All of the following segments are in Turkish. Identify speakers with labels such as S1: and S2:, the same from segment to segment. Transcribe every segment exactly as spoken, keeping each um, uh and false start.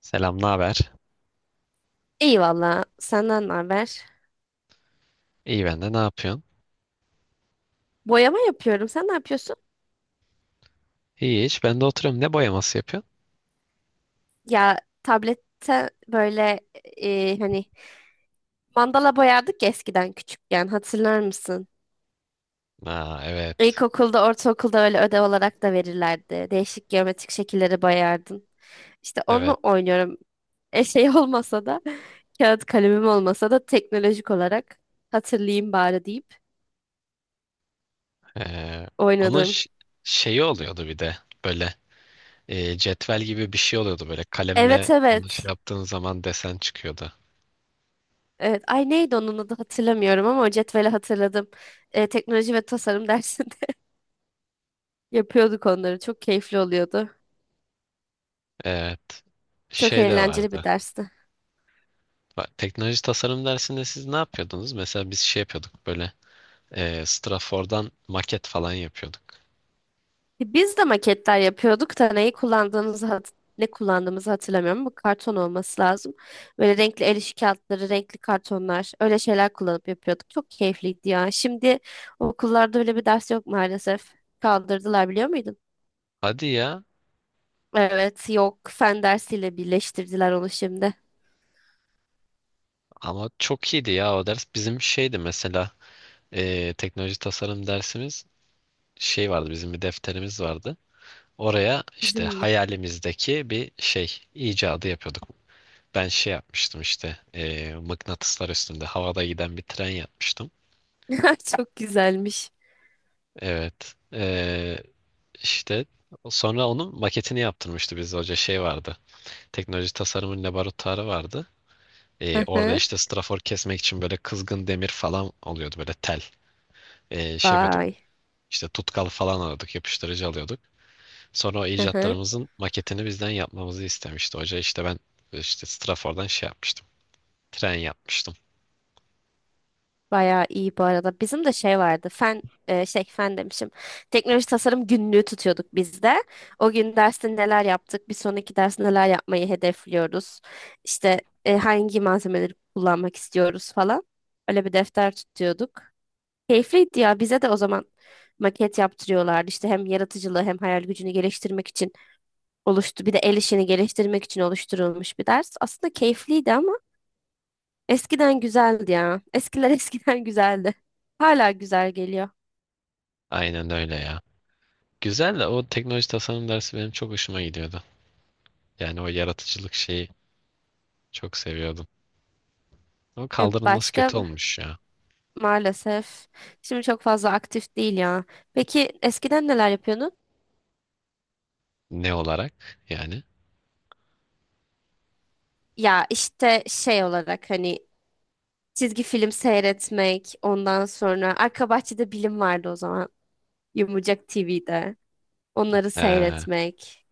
S1: Selam, ne haber?
S2: İyi valla. Senden ne haber?
S1: İyi ben de, ne yapıyorsun?
S2: Boyama yapıyorum. Sen ne yapıyorsun?
S1: İyi, hiç ben de oturuyorum. Ne boyaması yapıyorsun?
S2: Ya tablette böyle e, hani mandala boyardık ya eskiden küçükken. Hatırlar mısın?
S1: Aa, evet.
S2: İlkokulda, ortaokulda öyle ödev olarak da verirlerdi. Değişik geometrik şekilleri boyardın. İşte onu
S1: Evet.
S2: oynuyorum. E şey olmasa da kağıt kalemim olmasa da teknolojik olarak hatırlayayım bari deyip
S1: Ee, Onun
S2: oynadım.
S1: ş- şeyi oluyordu bir de böyle, e, cetvel gibi bir şey oluyordu, böyle kalemle
S2: Evet
S1: onu
S2: evet.
S1: şey yaptığın zaman desen çıkıyordu.
S2: Evet. Ay neydi onun adı hatırlamıyorum ama o cetveli hatırladım. Ee, teknoloji ve tasarım dersinde yapıyorduk onları. Çok keyifli oluyordu.
S1: Evet.
S2: Çok
S1: Şey de
S2: eğlenceli bir
S1: vardı.
S2: dersti.
S1: Bak, teknoloji tasarım dersinde siz ne yapıyordunuz? Mesela biz şey yapıyorduk böyle, e, Strafor'dan maket falan yapıyorduk.
S2: E, Biz de maketler yapıyorduk da neyi kullandığımızı hat- ne kullandığımızı hatırlamıyorum. Bu karton olması lazım. Böyle renkli el işi kağıtları, renkli kartonlar, öyle şeyler kullanıp yapıyorduk. Çok keyifliydi ya. Şimdi okullarda öyle bir ders yok maalesef. Kaldırdılar biliyor muydun?
S1: Hadi ya,
S2: Evet, yok. Fen dersiyle birleştirdiler onu şimdi.
S1: ama çok iyiydi ya o ders. Bizim şeydi mesela, e, teknoloji tasarım dersimiz. Şey vardı, bizim bir defterimiz vardı. Oraya işte
S2: Bizim mi?
S1: hayalimizdeki bir şey icadı yapıyorduk. Ben şey yapmıştım işte, eee, mıknatıslar üstünde havada giden bir tren yapmıştım.
S2: Çok güzelmiş.
S1: Evet. Eee, işte sonra onun maketini yaptırmıştı biz hoca, şey vardı. Teknoloji tasarımın laboratuvarı vardı. Eee,
S2: Hı
S1: orada
S2: hı.
S1: işte strafor kesmek için böyle kızgın demir falan oluyordu, böyle tel. Eee, şey yapıyorduk,
S2: Vay.
S1: işte tutkal falan alıyorduk, yapıştırıcı alıyorduk. Sonra o
S2: Hı hı.
S1: icatlarımızın maketini bizden yapmamızı istemişti hoca. İşte ben işte Strafor'dan şey yapmıştım. Tren yapmıştım.
S2: Bayağı iyi bu arada. Bizim de şey vardı. Fen e, şey fen demişim. Teknoloji tasarım günlüğü tutuyorduk biz de. O gün derste neler yaptık, bir sonraki derste neler yapmayı hedefliyoruz. İşte e, hangi malzemeleri kullanmak istiyoruz falan. Öyle bir defter tutuyorduk. Keyifliydi ya. Bize de o zaman maket yaptırıyorlardı. İşte hem yaratıcılığı hem hayal gücünü geliştirmek için oluştu. Bir de el işini geliştirmek için oluşturulmuş bir ders. Aslında keyifliydi ama eskiden güzeldi ya. Eskiler eskiden güzeldi. Hala güzel geliyor.
S1: Aynen öyle ya. Güzel de, o teknoloji tasarım dersi benim çok hoşuma gidiyordu. Yani o yaratıcılık şeyi çok seviyordum. Ama
S2: E,
S1: kaldırılması
S2: başka
S1: kötü olmuş ya.
S2: maalesef. Şimdi çok fazla aktif değil ya. Peki eskiden neler yapıyordun?
S1: Ne olarak yani?
S2: Ya işte şey olarak hani çizgi film seyretmek, ondan sonra arka bahçede bilim vardı o zaman. Yumurcak T V'de. Onları
S1: Ee,
S2: seyretmek.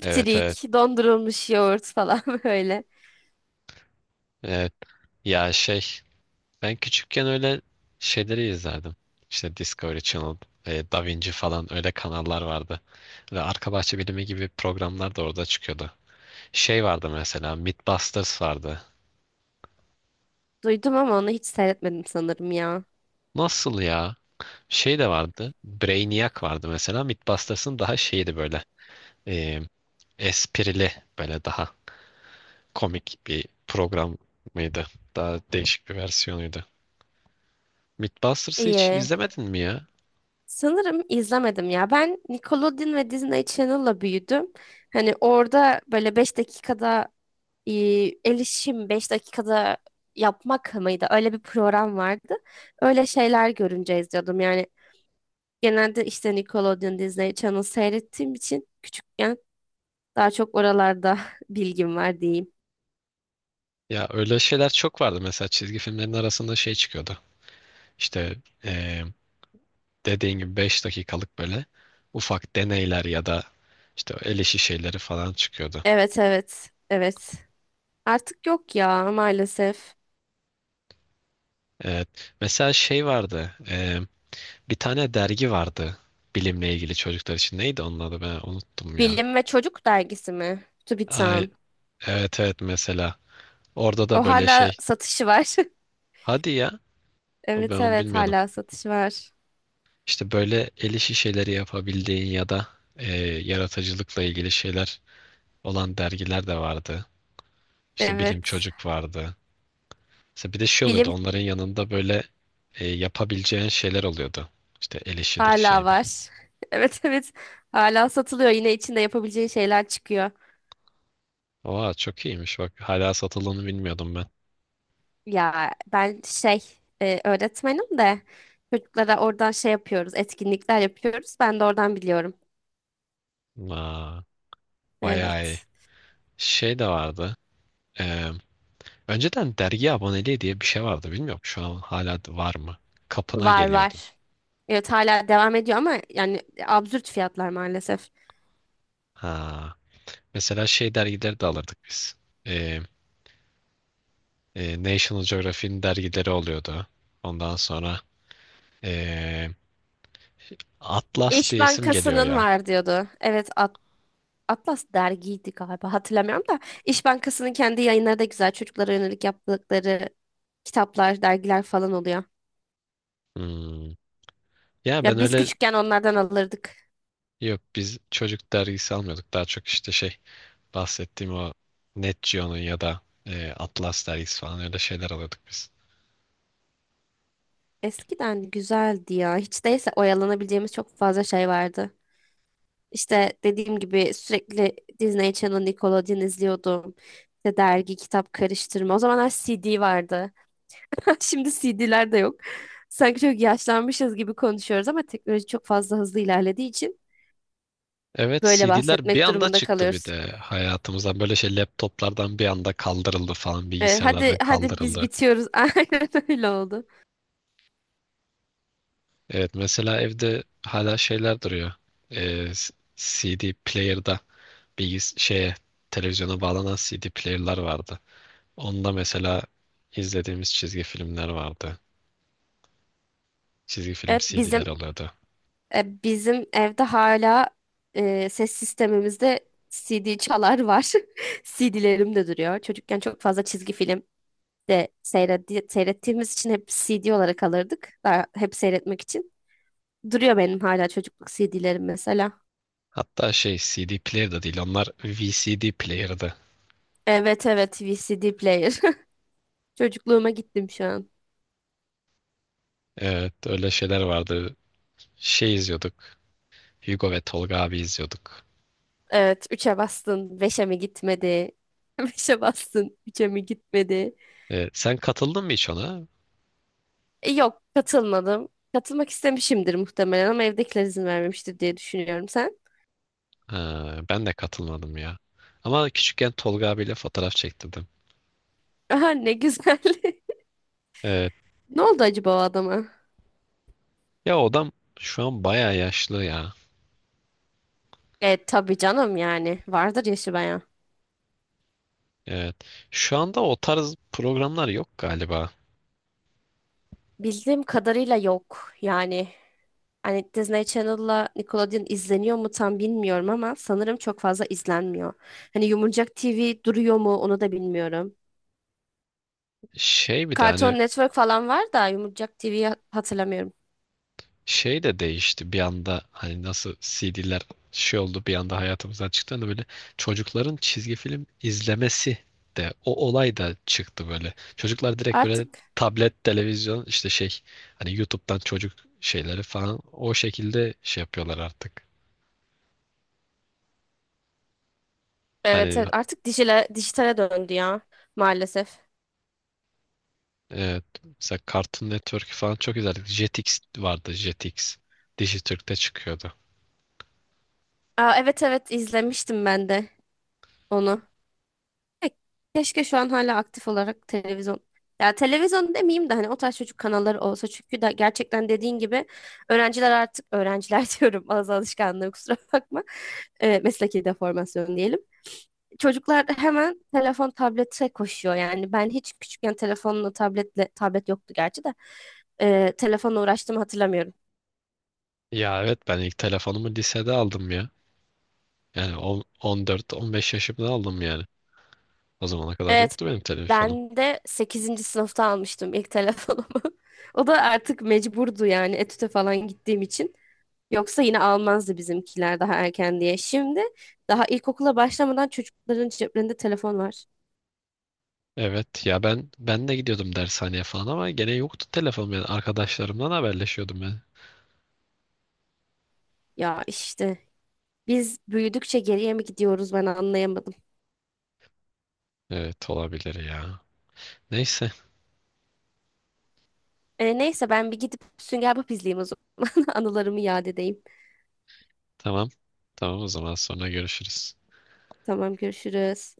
S1: evet, evet.
S2: dondurulmuş yoğurt falan böyle.
S1: Evet. Ya şey, ben küçükken öyle şeyleri izlerdim. İşte Discovery Channel, e, Da Vinci falan, öyle kanallar vardı. Ve Arka Bahçe Bilimi gibi programlar da orada çıkıyordu. Şey vardı mesela, Mythbusters vardı.
S2: Duydum ama onu hiç seyretmedim sanırım ya.
S1: Nasıl ya? Şey de vardı. Brainiac vardı mesela. Mythbusters'ın daha şeydi böyle. E, Esprili, böyle daha komik bir program mıydı? Daha değişik bir versiyonuydu. Mythbusters'ı hiç
S2: İyi.
S1: izlemedin mi ya?
S2: Sanırım izlemedim ya. Ben Nickelodeon ve Disney Channel'la büyüdüm. Hani orada böyle beş dakikada e, el işim dakikada yapmak mıydı? Öyle bir program vardı. Öyle şeyler görünce izliyordum. Yani genelde işte Nickelodeon, Disney Channel seyrettiğim için küçükken daha çok oralarda bilgim var diyeyim.
S1: Ya öyle şeyler çok vardı. Mesela çizgi filmlerin arasında şey çıkıyordu. İşte, e, dediğin gibi beş dakikalık böyle ufak deneyler ya da işte el işi şeyleri falan çıkıyordu.
S2: Evet evet evet. Artık yok ya maalesef.
S1: Evet. Mesela şey vardı. E, bir tane dergi vardı. Bilimle ilgili, çocuklar için. Neydi onun adı? Ben unuttum ya.
S2: Bilim ve Çocuk dergisi mi?
S1: Ay,
S2: TÜBİTAK'ın.
S1: evet evet, mesela. Orada da
S2: O
S1: böyle
S2: hala
S1: şey.
S2: satışı var.
S1: Hadi ya. O, ben
S2: Evet
S1: onu
S2: evet
S1: bilmiyordum.
S2: hala satış var.
S1: İşte böyle el işi şeyleri yapabildiğin ya da, e, yaratıcılıkla ilgili şeyler olan dergiler de vardı. İşte Bilim
S2: Evet.
S1: Çocuk vardı. Mesela bir de şey oluyordu.
S2: Bilim
S1: Onların yanında böyle, e, yapabileceğin şeyler oluyordu. İşte el işidir,
S2: hala
S1: şeydir.
S2: var. Evet evet hala satılıyor. Yine içinde yapabileceğin şeyler çıkıyor.
S1: Oha, çok iyiymiş bak. Hala satıldığını bilmiyordum ben.
S2: Ya ben şey e, öğretmenim de çocuklara oradan şey yapıyoruz. Etkinlikler yapıyoruz. Ben de oradan biliyorum.
S1: Aa, bayağı iyi.
S2: Evet.
S1: Şey de vardı. Ee, Önceden dergi aboneliği diye bir şey vardı. Bilmiyorum, şu an hala var mı? Kapına
S2: Var
S1: geliyordu.
S2: var. Evet hala devam ediyor ama yani absürt fiyatlar maalesef.
S1: Ha. Mesela şey dergileri de alırdık biz. Ee, e, National Geographic'in dergileri oluyordu. Ondan sonra, ee, Atlas
S2: İş
S1: diyesim geliyor
S2: Bankası'nın
S1: ya.
S2: var diyordu. Evet Atlas dergiydi galiba hatırlamıyorum da İş Bankası'nın kendi yayınları da güzel çocuklara yönelik yaptıkları kitaplar, dergiler falan oluyor.
S1: Hmm. Ya ben
S2: Ya biz
S1: öyle,
S2: küçükken onlardan alırdık.
S1: yok biz çocuk dergisi almıyorduk. Daha çok işte şey, bahsettiğim o Net Geo'nun ya da ee, Atlas dergisi falan, öyle şeyler alıyorduk biz.
S2: Eskiden güzeldi ya. Hiç değilse oyalanabileceğimiz çok fazla şey vardı. İşte dediğim gibi sürekli Disney Channel, Nickelodeon izliyordum. İşte dergi, kitap karıştırma. O zamanlar C D vardı. Şimdi C D'ler de yok. Sanki çok yaşlanmışız gibi konuşuyoruz ama teknoloji çok fazla hızlı ilerlediği için
S1: Evet,
S2: böyle
S1: C D'ler bir
S2: bahsetmek
S1: anda
S2: durumunda
S1: çıktı, bir
S2: kalıyoruz.
S1: de hayatımızdan böyle şey laptoplardan bir anda kaldırıldı falan,
S2: Evet, hadi
S1: bilgisayarlardan
S2: hadi biz
S1: kaldırıldı.
S2: bitiyoruz. Aynen öyle oldu.
S1: Evet, mesela evde hala şeyler duruyor. Ee, s- C D player'da, bilgis şeye, televizyona bağlanan C D player'lar vardı. Onda mesela izlediğimiz çizgi filmler vardı. Çizgi film
S2: Evet
S1: C D'ler
S2: bizim
S1: oluyordu.
S2: e, bizim evde hala e, ses sistemimizde C D çalar var. C D'lerim de duruyor. Çocukken çok fazla çizgi film de seyretti, seyrettiğimiz için hep C D olarak alırdık. Daha hep seyretmek için. Duruyor benim hala çocukluk C D'lerim mesela.
S1: Hatta şey, C D player da değil, onlar V C D player'dı.
S2: Evet evet V C D player. Çocukluğuma gittim şu an.
S1: Evet, öyle şeyler vardı. Şey izliyorduk. Hugo ve Tolga abi izliyorduk.
S2: Evet üçe bastın beşe mi gitmedi? Beşe bastın üç'e mi gitmedi?
S1: E, sen katıldın mı hiç ona?
S2: E, Yok katılmadım. Katılmak istemişimdir muhtemelen ama evdekiler izin vermemiştir diye düşünüyorum sen.
S1: Ha, ben de katılmadım ya. Ama küçükken Tolga abiyle fotoğraf çektirdim.
S2: Aha ne güzel.
S1: Evet.
S2: Ne oldu acaba o adama?
S1: Ya o adam şu an bayağı yaşlı ya.
S2: E tabii canım yani vardır yaşı bayağı.
S1: Evet. Şu anda o tarz programlar yok galiba.
S2: Bildiğim kadarıyla yok yani. Hani Disney Channel'la Nickelodeon izleniyor mu tam bilmiyorum ama sanırım çok fazla izlenmiyor. Hani Yumurcak T V duruyor mu onu da bilmiyorum.
S1: Şey, bir de hani
S2: Cartoon Network falan var da Yumurcak T V'yi hatırlamıyorum.
S1: şey de değişti bir anda, hani nasıl C D'ler şey oldu bir anda hayatımızdan çıktı, hani böyle çocukların çizgi film izlemesi de, o olay da çıktı böyle. Çocuklar direkt böyle
S2: Artık
S1: tablet, televizyon, işte şey, hani YouTube'dan çocuk şeyleri falan, o şekilde şey yapıyorlar artık.
S2: evet
S1: Hani
S2: evet artık dijile, dijitale döndü ya maalesef.
S1: evet, mesela Cartoon Network falan çok izlerdik. Jetix vardı, Jetix. Dijitürk'te çıkıyordu.
S2: Aa, evet evet izlemiştim ben de onu. Ke- Keşke şu an hala aktif olarak televizyon. Ya televizyon demeyeyim de hani o tarz çocuk kanalları olsa çünkü da gerçekten dediğin gibi öğrenciler artık öğrenciler diyorum az alışkanlığı kusura bakma. Ee, mesleki deformasyon diyelim. Çocuklar hemen telefon tablete koşuyor yani ben hiç küçükken telefonla tabletle tablet yoktu gerçi de e, telefonla uğraştığımı hatırlamıyorum.
S1: Ya evet, ben ilk telefonumu lisede aldım ya. Yani on- 14-15 yaşımda aldım yani. O zamana kadar
S2: Evet,
S1: yoktu benim telefonum.
S2: ben de sekizinci sınıfta almıştım ilk telefonumu. O da artık mecburdu yani etüte falan gittiğim için. Yoksa yine almazdı bizimkiler daha erken diye. Şimdi daha ilkokula başlamadan çocukların ceplerinde telefon var.
S1: Evet ya, ben ben de gidiyordum dershaneye falan ama gene yoktu telefonum, yani arkadaşlarımdan haberleşiyordum ben.
S2: Ya işte biz büyüdükçe geriye mi gidiyoruz ben anlayamadım.
S1: Evet, olabilir ya. Neyse,
S2: E, neyse ben bir gidip Sünger Bob izleyeyim o zaman. Anılarımı yad edeyim.
S1: tamam. Tamam, o zaman sonra görüşürüz.
S2: Tamam görüşürüz.